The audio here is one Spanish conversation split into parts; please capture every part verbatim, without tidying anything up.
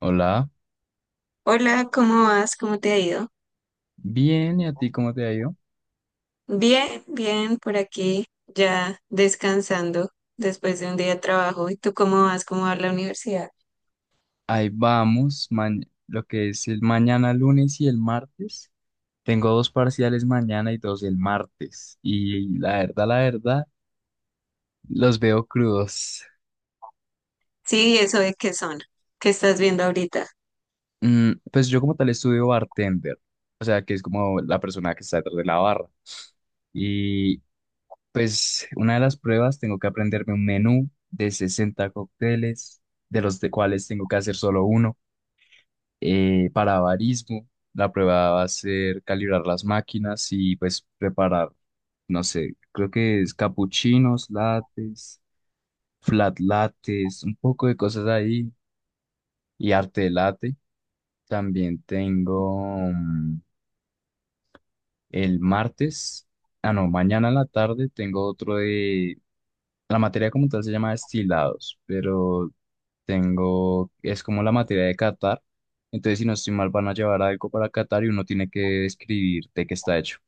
Hola, Hola, ¿cómo vas? ¿Cómo te ha ido? bien, ¿y a ti cómo te ha ido? Bien, bien, por aquí ya descansando después de un día de trabajo. ¿Y tú cómo vas? ¿Cómo va la universidad? Ahí vamos, ma- lo que es el mañana lunes y el martes. Tengo dos parciales mañana y dos el martes. Y la verdad, la verdad, los veo crudos. Sí, eso de qué son, qué estás viendo ahorita. Mm, pues yo como tal estudio bartender, o sea, que es como la persona que está detrás de la barra. Y pues una de las pruebas tengo que aprenderme un menú de sesenta cócteles, de los de cuales tengo que hacer solo uno. Eh, para avarismo. La prueba va a ser calibrar las máquinas y pues preparar, no sé, creo que es capuchinos, lates, flat lates, un poco de cosas ahí y arte de latte. También tengo mm, el martes, ah no, mañana en la tarde tengo otro de, la materia como tal se llama destilados, pero tengo, es como la materia de Qatar. Entonces, si no estoy mal, van a llevar algo para Qatar y uno tiene que escribir de qué está hecho.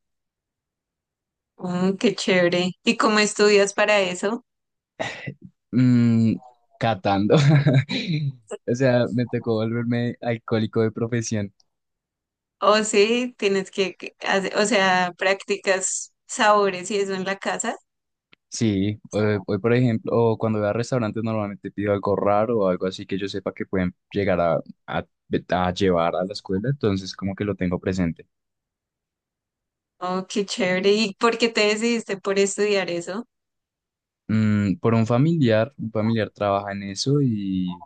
Mm, qué chévere. ¿Y cómo estudias para eso? Mm, Catando. O sea, me tocó volverme alcohólico de profesión. O sí, tienes que, que hace- o sea, practicas sabores y eso en la casa. Sí, eh, hoy, por ejemplo, o cuando voy a restaurantes normalmente pido algo raro o algo así que yo sepa que pueden llegar a, a- a llevar a la escuela, entonces como que lo tengo presente. Oh, qué chévere. ¿Y por qué te decidiste por estudiar eso? Mm, por un familiar, un familiar trabaja en eso y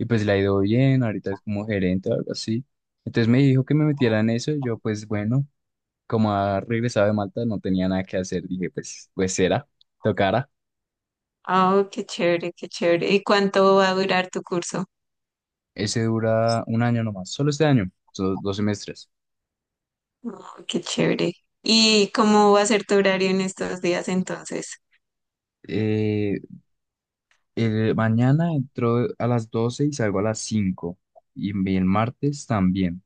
y pues le ha ido bien, ahorita es como gerente o algo así. Entonces me dijo que me metiera en eso y yo pues bueno, como ha regresado de Malta no tenía nada que hacer, dije pues pues será, tocará. Oh, qué chévere, qué chévere. ¿Y cuánto va a durar tu curso? Ese dura un año nomás, solo este año, son dos semestres. Oh, qué chévere. ¿Y cómo va a ser tu horario en estos días entonces? Eh, el, Mañana entro a las doce y salgo a las cinco y el martes también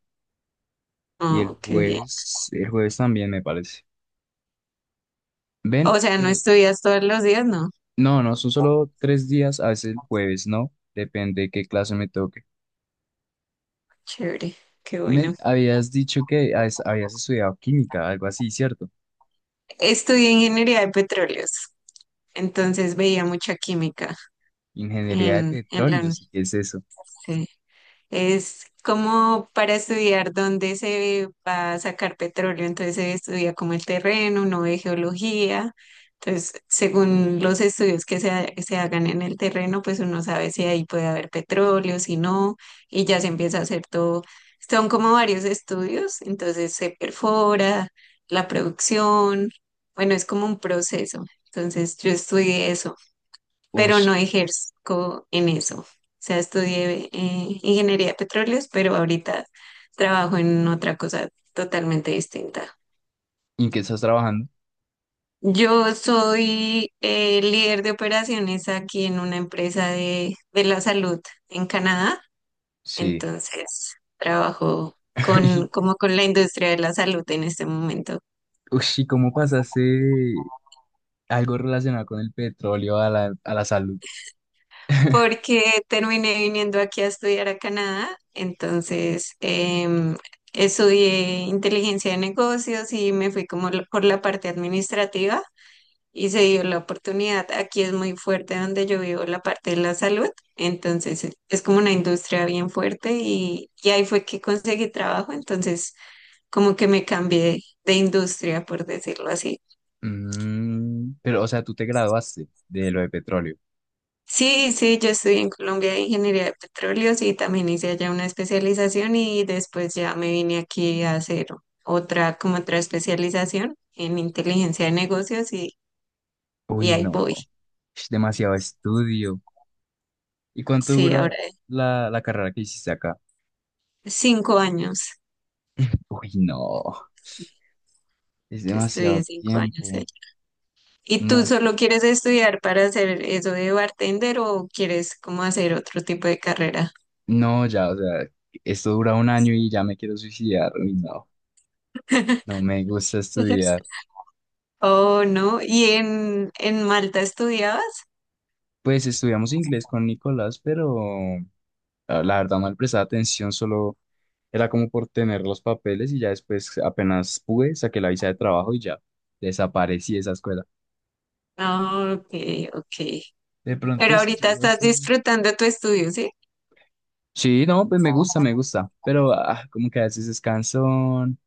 y el Oh, qué bien. jueves, el jueves también me parece. O Ven, sea, ¿no pero estudias todos los días? No. no, no, son solo tres días, a veces el jueves, ¿no? Depende de qué clase me toque. Chévere, qué bueno. Men, habías dicho que has- habías estudiado química, algo así, ¿cierto? Estudié ingeniería de petróleos, entonces veía mucha química Ingeniería de en, en la petróleos, ¿y qué es eso? universidad. Es como para estudiar dónde se va a sacar petróleo, entonces se estudia como el terreno, uno de geología, entonces según los estudios que se, ha- se hagan en el terreno, pues uno sabe si ahí puede haber petróleo, si no, y ya se empieza a hacer todo. Son como varios estudios, entonces se perfora la producción, bueno, es como un proceso, entonces yo estudié eso pero Ush, no ejerzo en eso. O sea, estudié eh, ingeniería de petróleos, pero ahorita trabajo en otra cosa totalmente distinta. ¿y en qué estás trabajando? Yo soy eh, líder de operaciones aquí en una empresa de, de la salud en Canadá, Sí. entonces trabajo Y, con, como con la industria de la salud en este momento. ush, ¿y cómo pasaste de algo relacionado con el petróleo a la, a la salud? Porque terminé viniendo aquí a estudiar a Canadá, entonces em, estudié inteligencia de negocios y me fui como lo- por la parte administrativa y se dio la oportunidad. Aquí es muy fuerte donde yo vivo la parte de la salud, entonces es es como una industria bien fuerte y, y ahí fue que conseguí trabajo, entonces como que me cambié de industria, por decirlo así. Mm, pero, o sea, tú te graduaste de lo de petróleo. Sí, sí, yo estudié en Colombia ingeniería de petróleos y también hice allá una especialización y después ya me vine aquí a hacer otra, como otra especialización en inteligencia de negocios y, y Uy, ahí voy. no. Ush, demasiado estudio. ¿Y cuánto Sí, ahora dura la, la carrera que hiciste acá? cinco años. Uy, no. Es Yo estudié demasiado cinco años allá. tiempo. ¿Y tú No. solo quieres estudiar para hacer eso de bartender o quieres como hacer otro tipo de carrera? No, ya, o sea, esto dura un año y ya me quiero suicidar. Uy, no, no me gusta estudiar. Oh, no. ¿Y en, en Malta estudiabas? Pues estudiamos inglés con Nicolás, pero ah, la verdad no le prestaba atención, solo era como por tener los papeles y ya después apenas pude, saqué la visa de trabajo y ya desaparecí de esa escuela. Ah, ok, ok. De Pero pronto sí ahorita llego a estás ser. disfrutando tu estudio, ¿sí? Sí, no, pues me gusta, me gusta, pero ah, como que a veces es cansón,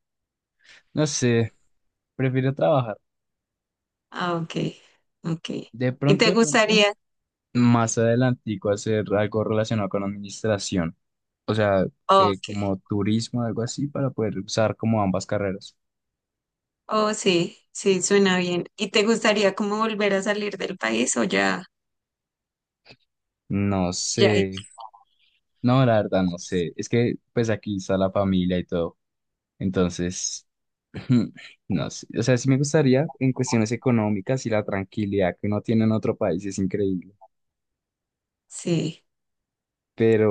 no sé, prefiero trabajar. Ah, ok, ok. De ¿Y pronto, te de pronto. gustaría? Más adelantico hacer algo relacionado con administración, o sea, eh, Ok, como turismo, algo así, para poder usar como ambas carreras. oh sí, sí, suena bien. ¿Y te gustaría como volver a salir del país o ya, No ya? sé, no, la verdad no sé, es que pues aquí está la familia y todo, entonces, no sé, o sea, sí me gustaría en cuestiones económicas y la tranquilidad que uno tiene en otro país es increíble, Sí.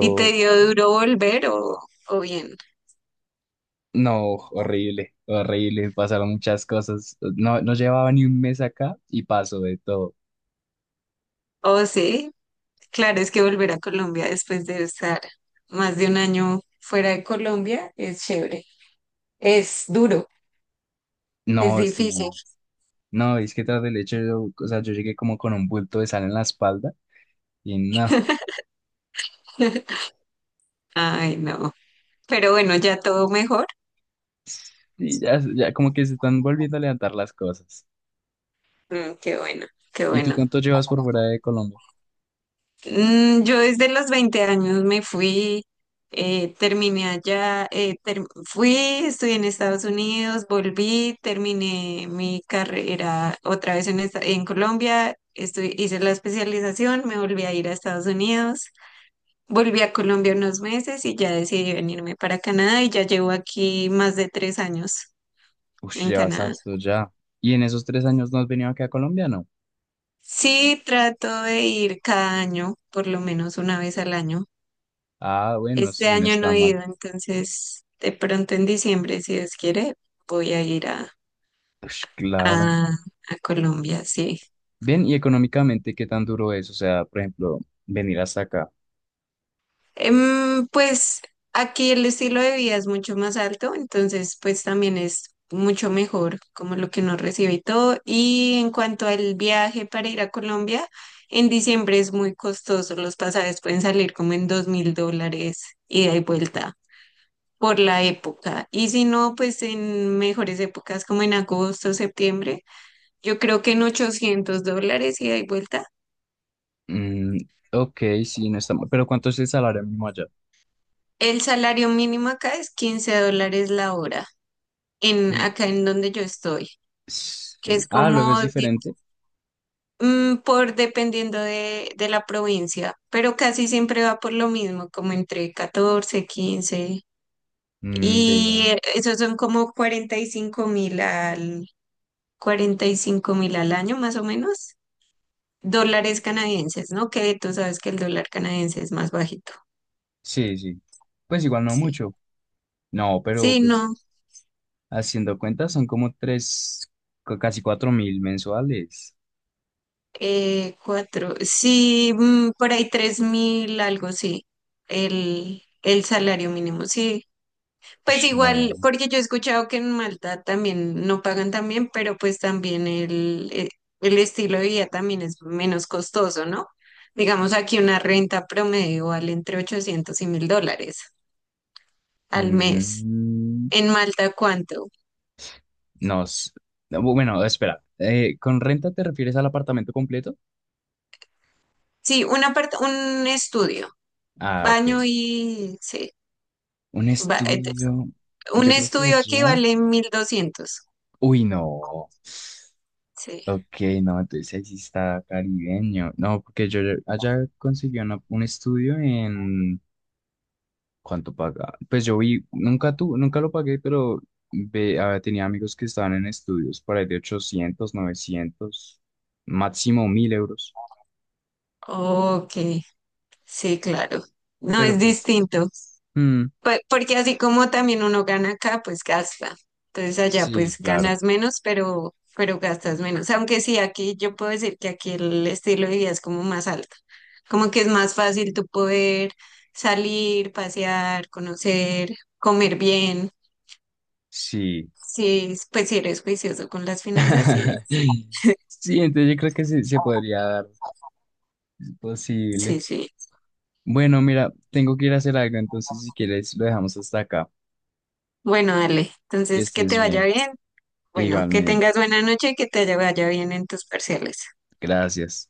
¿Y te dio duro volver o, o bien? no, horrible, horrible, pasaron muchas cosas, no, no llevaba ni un mes acá y pasó de todo. Oh sí, claro, es que volver a Colombia después de estar más de un año fuera de Colombia es chévere. Es duro, es No, difícil. sí. No, es que tras del hecho, yo, o sea, yo llegué como con un bulto de sal en la espalda y no, Ay, no. Pero bueno, ya todo mejor. y ya, ya como que se están volviendo a levantar las cosas. Mm, qué bueno, qué ¿Y tú bueno. cuánto llevas por fuera de Colombia? Mm, Yo desde los veinte años me fui, eh, terminé allá, eh, ter- fui, estudié en Estados Unidos, volví, terminé mi carrera otra vez en, esta- en Colombia, estu- hice la especialización, me volví a ir a Estados Unidos, volví a Colombia unos meses y ya decidí venirme para Canadá y ya llevo aquí más de tres años Uf, en llevas Canadá. harto ya. ¿Y en esos tres años no has venido acá a Colombia, no? Sí, trato de ir cada año, por lo menos una vez al año. Ah, bueno, Este sí, no año no está he mal. ido, entonces de pronto en diciembre, si Dios quiere, voy a ir a, Ush, claro. a, a Colombia, sí. Bien, ¿y económicamente qué tan duro es? O sea, por ejemplo, venir hasta acá. Em, pues aquí el estilo de vida es mucho más alto, entonces pues también es mucho mejor como lo que nos recibe y todo. Y en cuanto al viaje para ir a Colombia, en diciembre es muy costoso, los pasajes pueden salir como en dos mil dólares ida y vuelta por la época. Y si no, pues en mejores épocas como en agosto, septiembre, yo creo que en ochocientos dólares ida y vuelta. Mm, ok, sí, no está mal. Pero ¿cuánto es el salario mínimo allá? El salario mínimo acá es quince dólares la hora, en, Y- acá en donde yo estoy, s- que es ah, Luego como es di- diferente. mm, por dependiendo de, de la provincia, pero casi siempre va por lo mismo, como entre catorce quince. Mm, Y Vea. eh, esos son como cuarenta y cinco mil al, cuarenta y cinco mil al año más o menos. Dólares canadienses, ¿no? Que tú sabes que el dólar canadiense es más bajito. Sí, sí. Pues igual no Sí. mucho. No, pero Sí, no. pues haciendo cuentas son como tres, cu- casi cuatro mil mensuales. Eh, cuatro. Sí, mm, por ahí tres mil, algo sí. El, el salario mínimo, sí. Pues Ush, igual, no. porque yo he escuchado que en Malta también no pagan tan bien, pero pues también el, eh, el estilo de vida también es menos costoso, ¿no? Digamos aquí una renta promedio vale entre ochocientos y mil dólares al mes. Mm, En Malta, ¿cuánto? no. S- no, bu- Bueno, espera. Eh, ¿con renta te refieres al apartamento completo? Sí, una part- un estudio, Ah, ok. baño y, sí, Un ba- et- estudio. un Yo creo que estudio aquí allá. vale mil doscientos. Uy, no. Sí, Ok, no, entonces ahí sí está caribeño. No, porque yo allá conseguí una- un estudio en ¿cuánto paga? Pues yo vi, nunca tu, nunca lo pagué, pero ve- ah, tenía amigos que estaban en estudios por ahí de ochocientos novecientos máximo mil euros. ok, sí, claro. No, Pero es pues, distinto, mm, Pe- porque así como también uno gana acá, pues gasta. Entonces allá sí, pues claro, ganas menos, pero, pero gastas menos. Aunque sí, aquí yo puedo decir que aquí el estilo de vida es como más alto, como que es más fácil tú poder salir, pasear, conocer, comer bien. sí. Sí, pues si eres juicioso con las finanzas, sí es. Sí, entonces yo creo que sí se podría dar, es posible. Sí, sí. Bueno, mira, tengo que ir a hacer algo, entonces si quieres lo dejamos hasta acá. Bueno, dale. Que Entonces, que estés te vaya bien, bien. Bueno, que igualmente. tengas buena noche y que te vaya bien en tus parciales. Gracias.